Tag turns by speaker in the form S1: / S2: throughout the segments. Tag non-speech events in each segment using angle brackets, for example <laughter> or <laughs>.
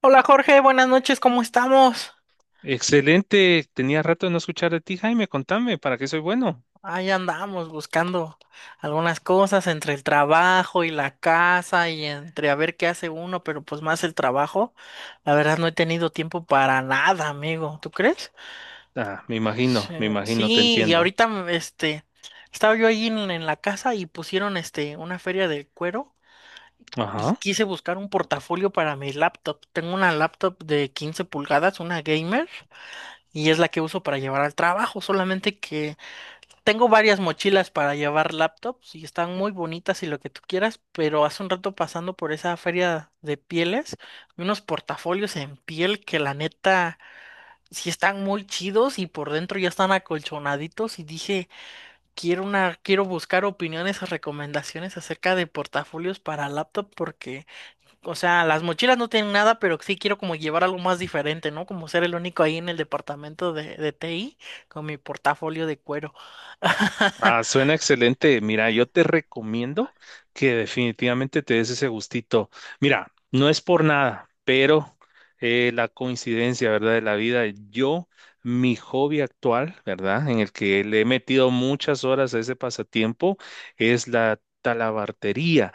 S1: Hola Jorge, buenas noches, ¿cómo estamos?
S2: Excelente, tenía rato de no escuchar de ti, Jaime, contame, ¿para qué soy bueno?
S1: Ahí andamos buscando algunas cosas entre el trabajo y la casa y entre a ver qué hace uno, pero pues más el trabajo. La verdad no he tenido tiempo para nada, amigo, ¿tú crees?
S2: Ah,
S1: Sí,
S2: me imagino, te
S1: sí, y
S2: entiendo.
S1: ahorita este estaba yo ahí en la casa y pusieron este una feria del cuero y
S2: Ajá.
S1: quise buscar un portafolio para mi laptop. Tengo una laptop de 15 pulgadas, una gamer, y es la que uso para llevar al trabajo, solamente que tengo varias mochilas para llevar laptops y están muy bonitas y lo que tú quieras, pero hace un rato pasando por esa feria de pieles, vi unos portafolios en piel que la neta sí están muy chidos y por dentro ya están acolchonaditos y dije, quiero una, quiero buscar opiniones o recomendaciones acerca de portafolios para laptop porque, o sea, las mochilas no tienen nada, pero sí quiero como llevar algo más diferente, ¿no? Como ser el único ahí en el departamento de TI con mi portafolio de cuero. <laughs>
S2: Ah, suena excelente. Mira, yo te recomiendo que definitivamente te des ese gustito. Mira, no es por nada, pero la coincidencia, ¿verdad? De la vida, yo, mi hobby actual, ¿verdad? En el que le he metido muchas horas a ese pasatiempo, es la talabartería.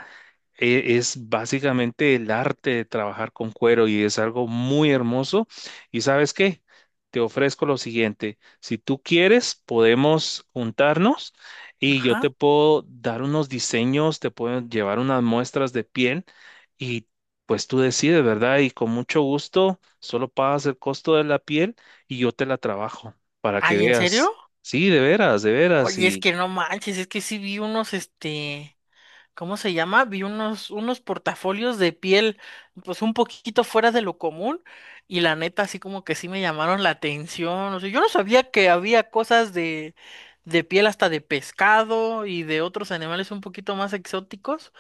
S2: Es básicamente el arte de trabajar con cuero y es algo muy hermoso. ¿Y sabes qué? Te ofrezco lo siguiente. Si tú quieres, podemos juntarnos y yo te
S1: Ajá.
S2: puedo dar unos diseños, te puedo llevar unas muestras de piel y pues tú decides, ¿verdad? Y con mucho gusto, solo pagas el costo de la piel y yo te la trabajo para que
S1: Ay, ¿en serio?
S2: veas. Sí, de veras, de veras.
S1: Oye, es
S2: Y,
S1: que no manches, es que sí vi unos, este, ¿cómo se llama? Vi unos portafolios de piel, pues un poquito fuera de lo común, y la neta, así como que sí me llamaron la atención. O sea, yo no sabía que había cosas de piel hasta de pescado y de otros animales un poquito más exóticos.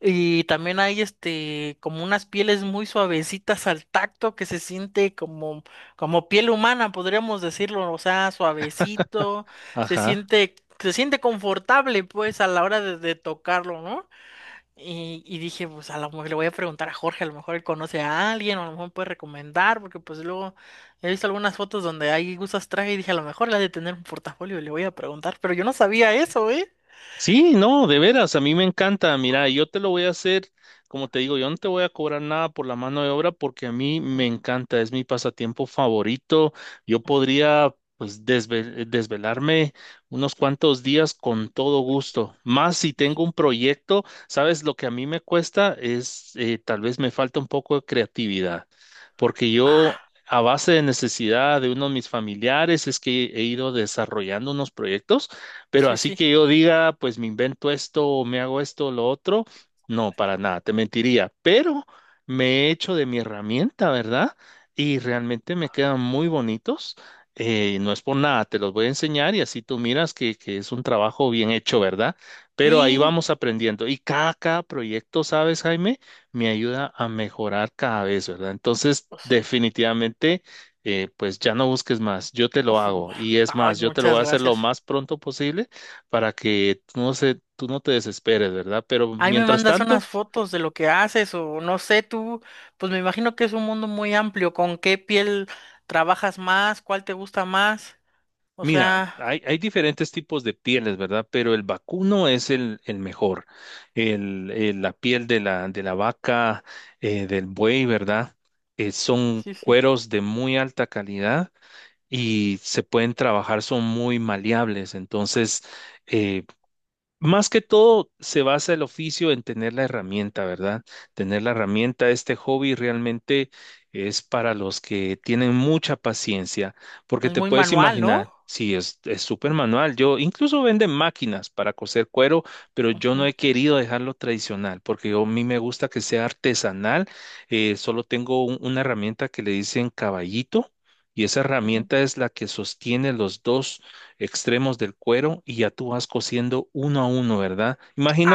S1: Y también hay este como unas pieles muy suavecitas al tacto que se siente como piel humana, podríamos decirlo, o sea, suavecito, se
S2: ajá.
S1: siente, se siente confortable pues a la hora de tocarlo, ¿no? Y dije, pues a lo mejor le voy a preguntar a Jorge, a lo mejor él conoce a alguien, o a lo mejor puede recomendar, porque pues luego he visto algunas fotos donde hay gustas traje y dije, a lo mejor le ha de tener un portafolio y le voy a preguntar, pero yo no sabía eso, ¿eh?
S2: Sí, no, de veras, a mí me encanta. Mira, yo te lo voy a hacer, como te digo, yo no te voy a cobrar nada por la mano de obra porque a mí me
S1: Ujú.
S2: encanta, es mi pasatiempo favorito. Yo podría, pues, desvelarme unos cuantos días con todo gusto. Más si tengo
S1: Dije,
S2: un proyecto, sabes, lo que a mí me cuesta es, tal vez me falta un poco de creatividad, porque yo...
S1: ah,
S2: A base de necesidad de uno de mis familiares es que he ido desarrollando unos proyectos pero
S1: sí,
S2: así
S1: sí.
S2: que yo diga, pues me invento esto o me hago esto o lo otro, no, para nada, te mentiría. Pero me he hecho de mi herramienta, ¿verdad? Y realmente me quedan muy bonitos. No es por nada, te los voy a enseñar y así tú miras que es un trabajo bien hecho, ¿verdad? Pero ahí
S1: Sí,
S2: vamos aprendiendo. Y cada, cada proyecto, ¿sabes, Jaime? Me ayuda a mejorar cada vez, ¿verdad? Entonces,
S1: pues sí.
S2: definitivamente pues ya no busques más, yo te lo
S1: Ujú.
S2: hago. Y es
S1: Ay,
S2: más, yo te lo voy
S1: muchas
S2: a hacer lo
S1: gracias.
S2: más pronto posible para que tú no te desesperes, ¿verdad? Pero
S1: Ahí me
S2: mientras
S1: mandas unas
S2: tanto,
S1: fotos de lo que haces o no sé, tú, pues me imagino que es un mundo muy amplio. ¿Con qué piel trabajas más? ¿Cuál te gusta más? O
S2: mira,
S1: sea,
S2: hay diferentes tipos de pieles, ¿verdad? Pero el vacuno es el mejor. La piel de de la vaca, del buey, ¿verdad? Son
S1: sí, sí.
S2: cueros de muy alta calidad y se pueden trabajar, son muy maleables. Entonces, eh, más que todo, se basa el oficio en tener la herramienta, ¿verdad? Tener la herramienta, este hobby realmente es para los que tienen mucha paciencia, porque
S1: Es
S2: te
S1: muy
S2: puedes
S1: manual, ¿no?
S2: imaginar, sí, es súper manual. Yo incluso venden máquinas para coser cuero, pero yo no
S1: Ujú,
S2: he querido dejarlo tradicional, porque yo, a mí me gusta que sea artesanal. Solo tengo una herramienta que le dicen caballito. Y esa
S1: ujú.
S2: herramienta es la que sostiene los dos extremos del cuero y ya tú vas cosiendo uno a uno, ¿verdad?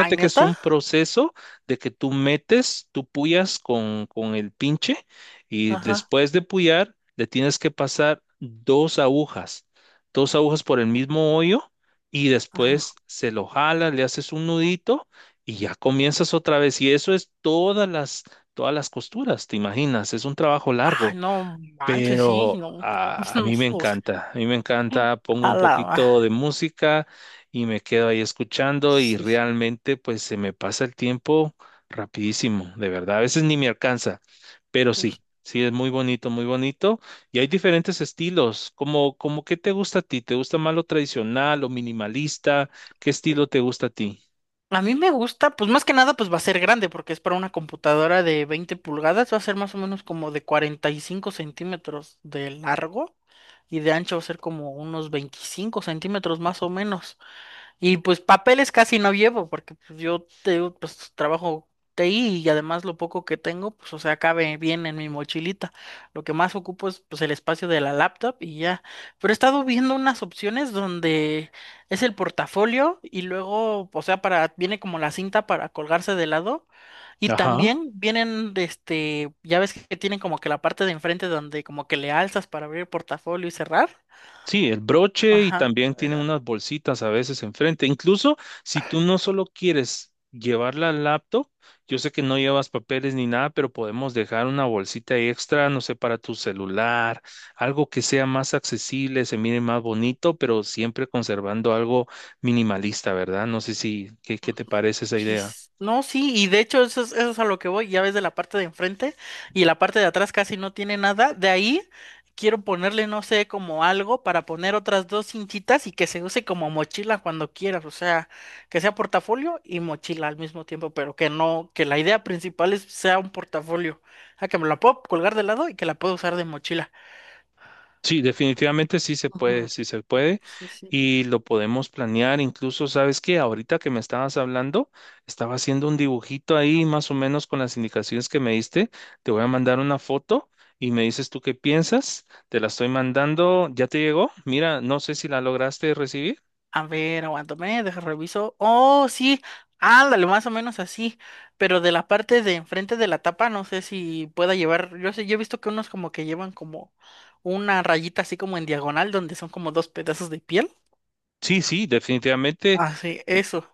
S1: Ay,
S2: que es
S1: neta.
S2: un proceso de que tú metes, tú puyas con el pinche y
S1: Ajá,
S2: después de puyar le tienes que pasar dos agujas por el mismo hoyo y después
S1: ajá.
S2: se lo jalas, le haces un nudito y ya comienzas otra vez. Y eso es todas las costuras, ¿te imaginas? Es un trabajo
S1: Ay,
S2: largo
S1: no manches, sí,
S2: pero
S1: no. <laughs>
S2: a
S1: No,
S2: mí me
S1: o sea,
S2: encanta, a mí me encanta, pongo
S1: a
S2: un
S1: la ma-
S2: poquito de música y me quedo ahí escuchando y
S1: Sí, sí.
S2: realmente pues se me pasa el tiempo rapidísimo, de verdad, a veces ni me alcanza, pero sí, sí es muy bonito y hay diferentes estilos, como, como ¿qué te gusta a ti? ¿Te gusta más lo tradicional, lo minimalista? ¿Qué estilo te gusta a ti?
S1: A mí me gusta, pues más que nada, pues va a ser grande, porque es para una computadora de 20 pulgadas, va a ser más o menos como de 45 centímetros de largo y de ancho va a ser como unos 25 centímetros más o menos. Y pues papeles casi no llevo, porque pues, yo te digo, pues trabajo TI y además lo poco que tengo, pues o sea, cabe bien en mi mochilita. Lo que más ocupo es pues el espacio de la laptop y ya. Pero he estado viendo unas opciones donde es el portafolio y luego, o sea, para, viene como la cinta para colgarse de lado. Y
S2: Ajá.
S1: también vienen, de este, ya ves que tienen como que la parte de enfrente donde como que le alzas para abrir el portafolio y cerrar.
S2: Sí, el broche y
S1: Ajá.
S2: también tienen unas bolsitas a veces enfrente. Incluso si tú no solo quieres llevar la laptop, yo sé que no llevas papeles ni nada, pero podemos dejar una bolsita extra, no sé, para tu celular, algo que sea más accesible, se mire más bonito, pero siempre conservando algo minimalista, ¿verdad? No sé si, ¿qué, qué te parece esa idea?
S1: Yes. No, sí, y de hecho eso es a lo que voy, ya ves de la parte de enfrente y la parte de atrás casi no tiene nada, de ahí quiero ponerle, no sé, como algo para poner otras dos cintitas y que se use como mochila cuando quieras, o sea, que sea portafolio y mochila al mismo tiempo, pero que no, que la idea principal es sea un portafolio, o sea, que me la puedo colgar de lado y que la puedo usar de mochila.
S2: Sí, definitivamente
S1: Ujú,
S2: sí se puede
S1: sí, sí.
S2: y lo podemos planear. Incluso, ¿sabes qué? Ahorita que me estabas hablando, estaba haciendo un dibujito ahí más o menos con las indicaciones que me diste. Te voy a mandar una foto y me dices tú qué piensas. Te la estoy mandando. ¿Ya te llegó? Mira, no sé si la lograste recibir.
S1: A ver, aguántame, deja reviso. Oh, sí, ándale, más o menos así. Pero de la parte de enfrente de la tapa, no sé si pueda llevar. Yo sé, yo he visto que unos como que llevan como una rayita así como en diagonal, donde son como dos pedazos de piel.
S2: Sí, sí, definitivamente.
S1: Ah, sí, eso.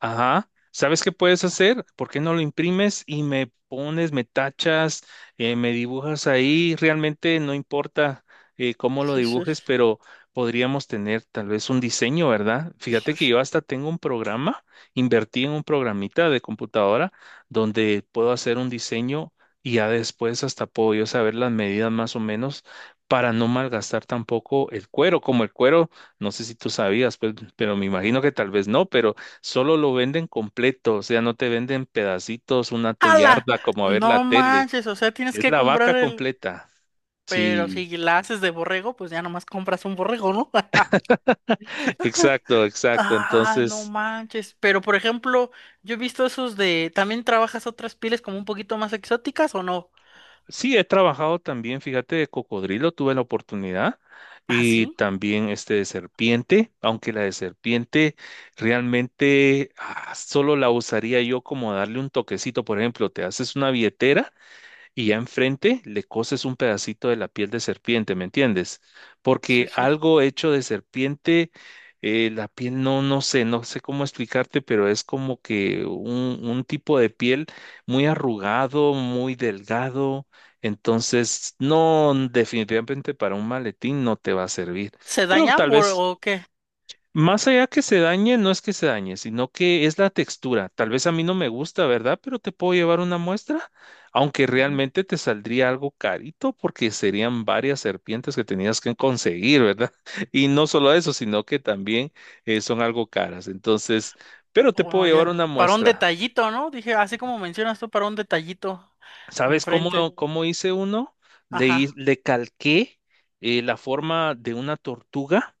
S2: Ajá. ¿Sabes qué puedes hacer? ¿Por qué no lo imprimes y me pones, me tachas, me dibujas ahí? Realmente no importa cómo lo
S1: Sí, sí,
S2: dibujes, pero podríamos tener tal vez un diseño, ¿verdad? Fíjate
S1: sí,
S2: que
S1: sí.
S2: yo hasta tengo un programa, invertí en un programita de computadora donde puedo hacer un diseño y ya después hasta puedo yo saber las medidas más o menos para no malgastar tampoco el cuero, como el cuero, no sé si tú sabías, pues, pero me imagino que tal vez no, pero solo lo venden completo, o sea, no te venden pedacitos, una
S1: ¡Hala!
S2: tuyarda como a ver la
S1: No
S2: tele.
S1: manches, o sea, tienes
S2: Es
S1: que
S2: la
S1: comprar
S2: vaca
S1: el.
S2: completa.
S1: Pero si
S2: Sí,
S1: la haces de borrego, pues ya nomás compras un borrego, ¿no?
S2: exacto,
S1: <laughs>
S2: exacto.
S1: Ah, no
S2: Entonces,
S1: manches. Pero por ejemplo, yo he visto esos de. ¿También trabajas otras pieles como un poquito más exóticas o no?
S2: sí, he trabajado también, fíjate, de cocodrilo, tuve la oportunidad,
S1: ¿Ah,
S2: y
S1: sí?
S2: también este de serpiente, aunque la de serpiente realmente solo la usaría yo como darle un toquecito. Por ejemplo, te haces una billetera y ya enfrente le coces un pedacito de la piel de serpiente, ¿me entiendes?
S1: Sí,
S2: Porque
S1: sí.
S2: algo hecho de serpiente, la piel no, no sé, no sé cómo explicarte, pero es como que un tipo de piel muy arrugado, muy delgado. Entonces, no, definitivamente para un maletín no te va a servir,
S1: ¿Se
S2: pero
S1: dañan
S2: tal
S1: por-
S2: vez
S1: o qué?
S2: más allá que se dañe, no es que se dañe, sino que es la textura. Tal vez a mí no me gusta, ¿verdad? Pero te puedo llevar una muestra, aunque
S1: Ujú.
S2: realmente te saldría algo carito porque serían varias serpientes que tenías que conseguir, ¿verdad? <laughs> Y no solo eso, sino que también son algo caras. Entonces, pero te puedo
S1: Oh,
S2: llevar
S1: ya.
S2: una
S1: Para un
S2: muestra.
S1: detallito, ¿no? Dije, así como mencionas tú, para un detallito
S2: ¿Sabes
S1: enfrente.
S2: cómo, cómo hice uno?
S1: Ajá,
S2: Le calqué la forma de una tortuga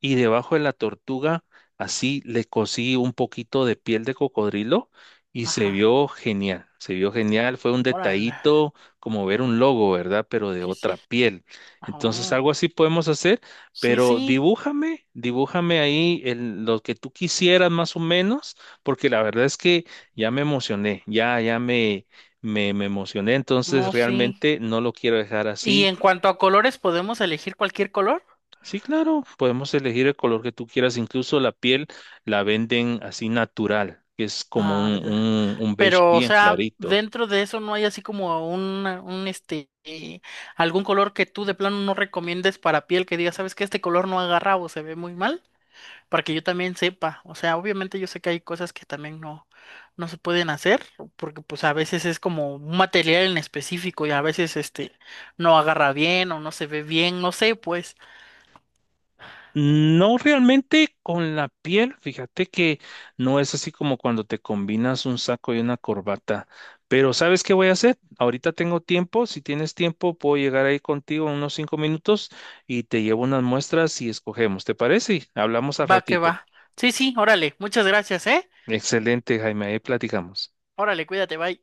S2: y debajo de la tortuga así le cosí un poquito de piel de cocodrilo y
S1: ajá.
S2: se vio genial, fue un
S1: Órale.
S2: detallito como ver un logo, ¿verdad? Pero de
S1: Sí, sí.
S2: otra piel. Entonces
S1: Ah,
S2: algo así podemos hacer,
S1: sí,
S2: pero
S1: sí.
S2: dibújame, dibújame ahí lo que tú quisieras más o menos, porque la verdad es que ya me emocioné, ya, ya me me emocioné,
S1: No,
S2: entonces
S1: sí.
S2: realmente no lo quiero dejar
S1: Y
S2: así.
S1: en cuanto a colores, ¿podemos elegir cualquier color?
S2: Sí, claro, podemos elegir el color que tú quieras, incluso la piel la venden así natural, que es como
S1: Ah, ya.
S2: un beige
S1: Pero, o
S2: bien
S1: sea,
S2: clarito.
S1: dentro de eso no hay así como un este, algún color que tú de plano no recomiendes para piel que diga sabes que este color no agarra o se ve muy mal, para que yo también sepa. O sea, obviamente yo sé que hay cosas que también no, no se pueden hacer, porque pues a veces es como un material en específico y a veces este no agarra bien o no se ve bien, no sé, pues,
S2: No realmente con la piel, fíjate que no es así como cuando te combinas un saco y una corbata. Pero ¿sabes qué voy a hacer? Ahorita tengo tiempo, si tienes tiempo puedo llegar ahí contigo en unos 5 minutos y te llevo unas muestras y escogemos, ¿te parece? Hablamos al
S1: va que va.
S2: ratito.
S1: Sí, sí, órale, muchas gracias, ¿eh?
S2: Excelente, Jaime, ahí platicamos.
S1: Órale, cuídate, bye.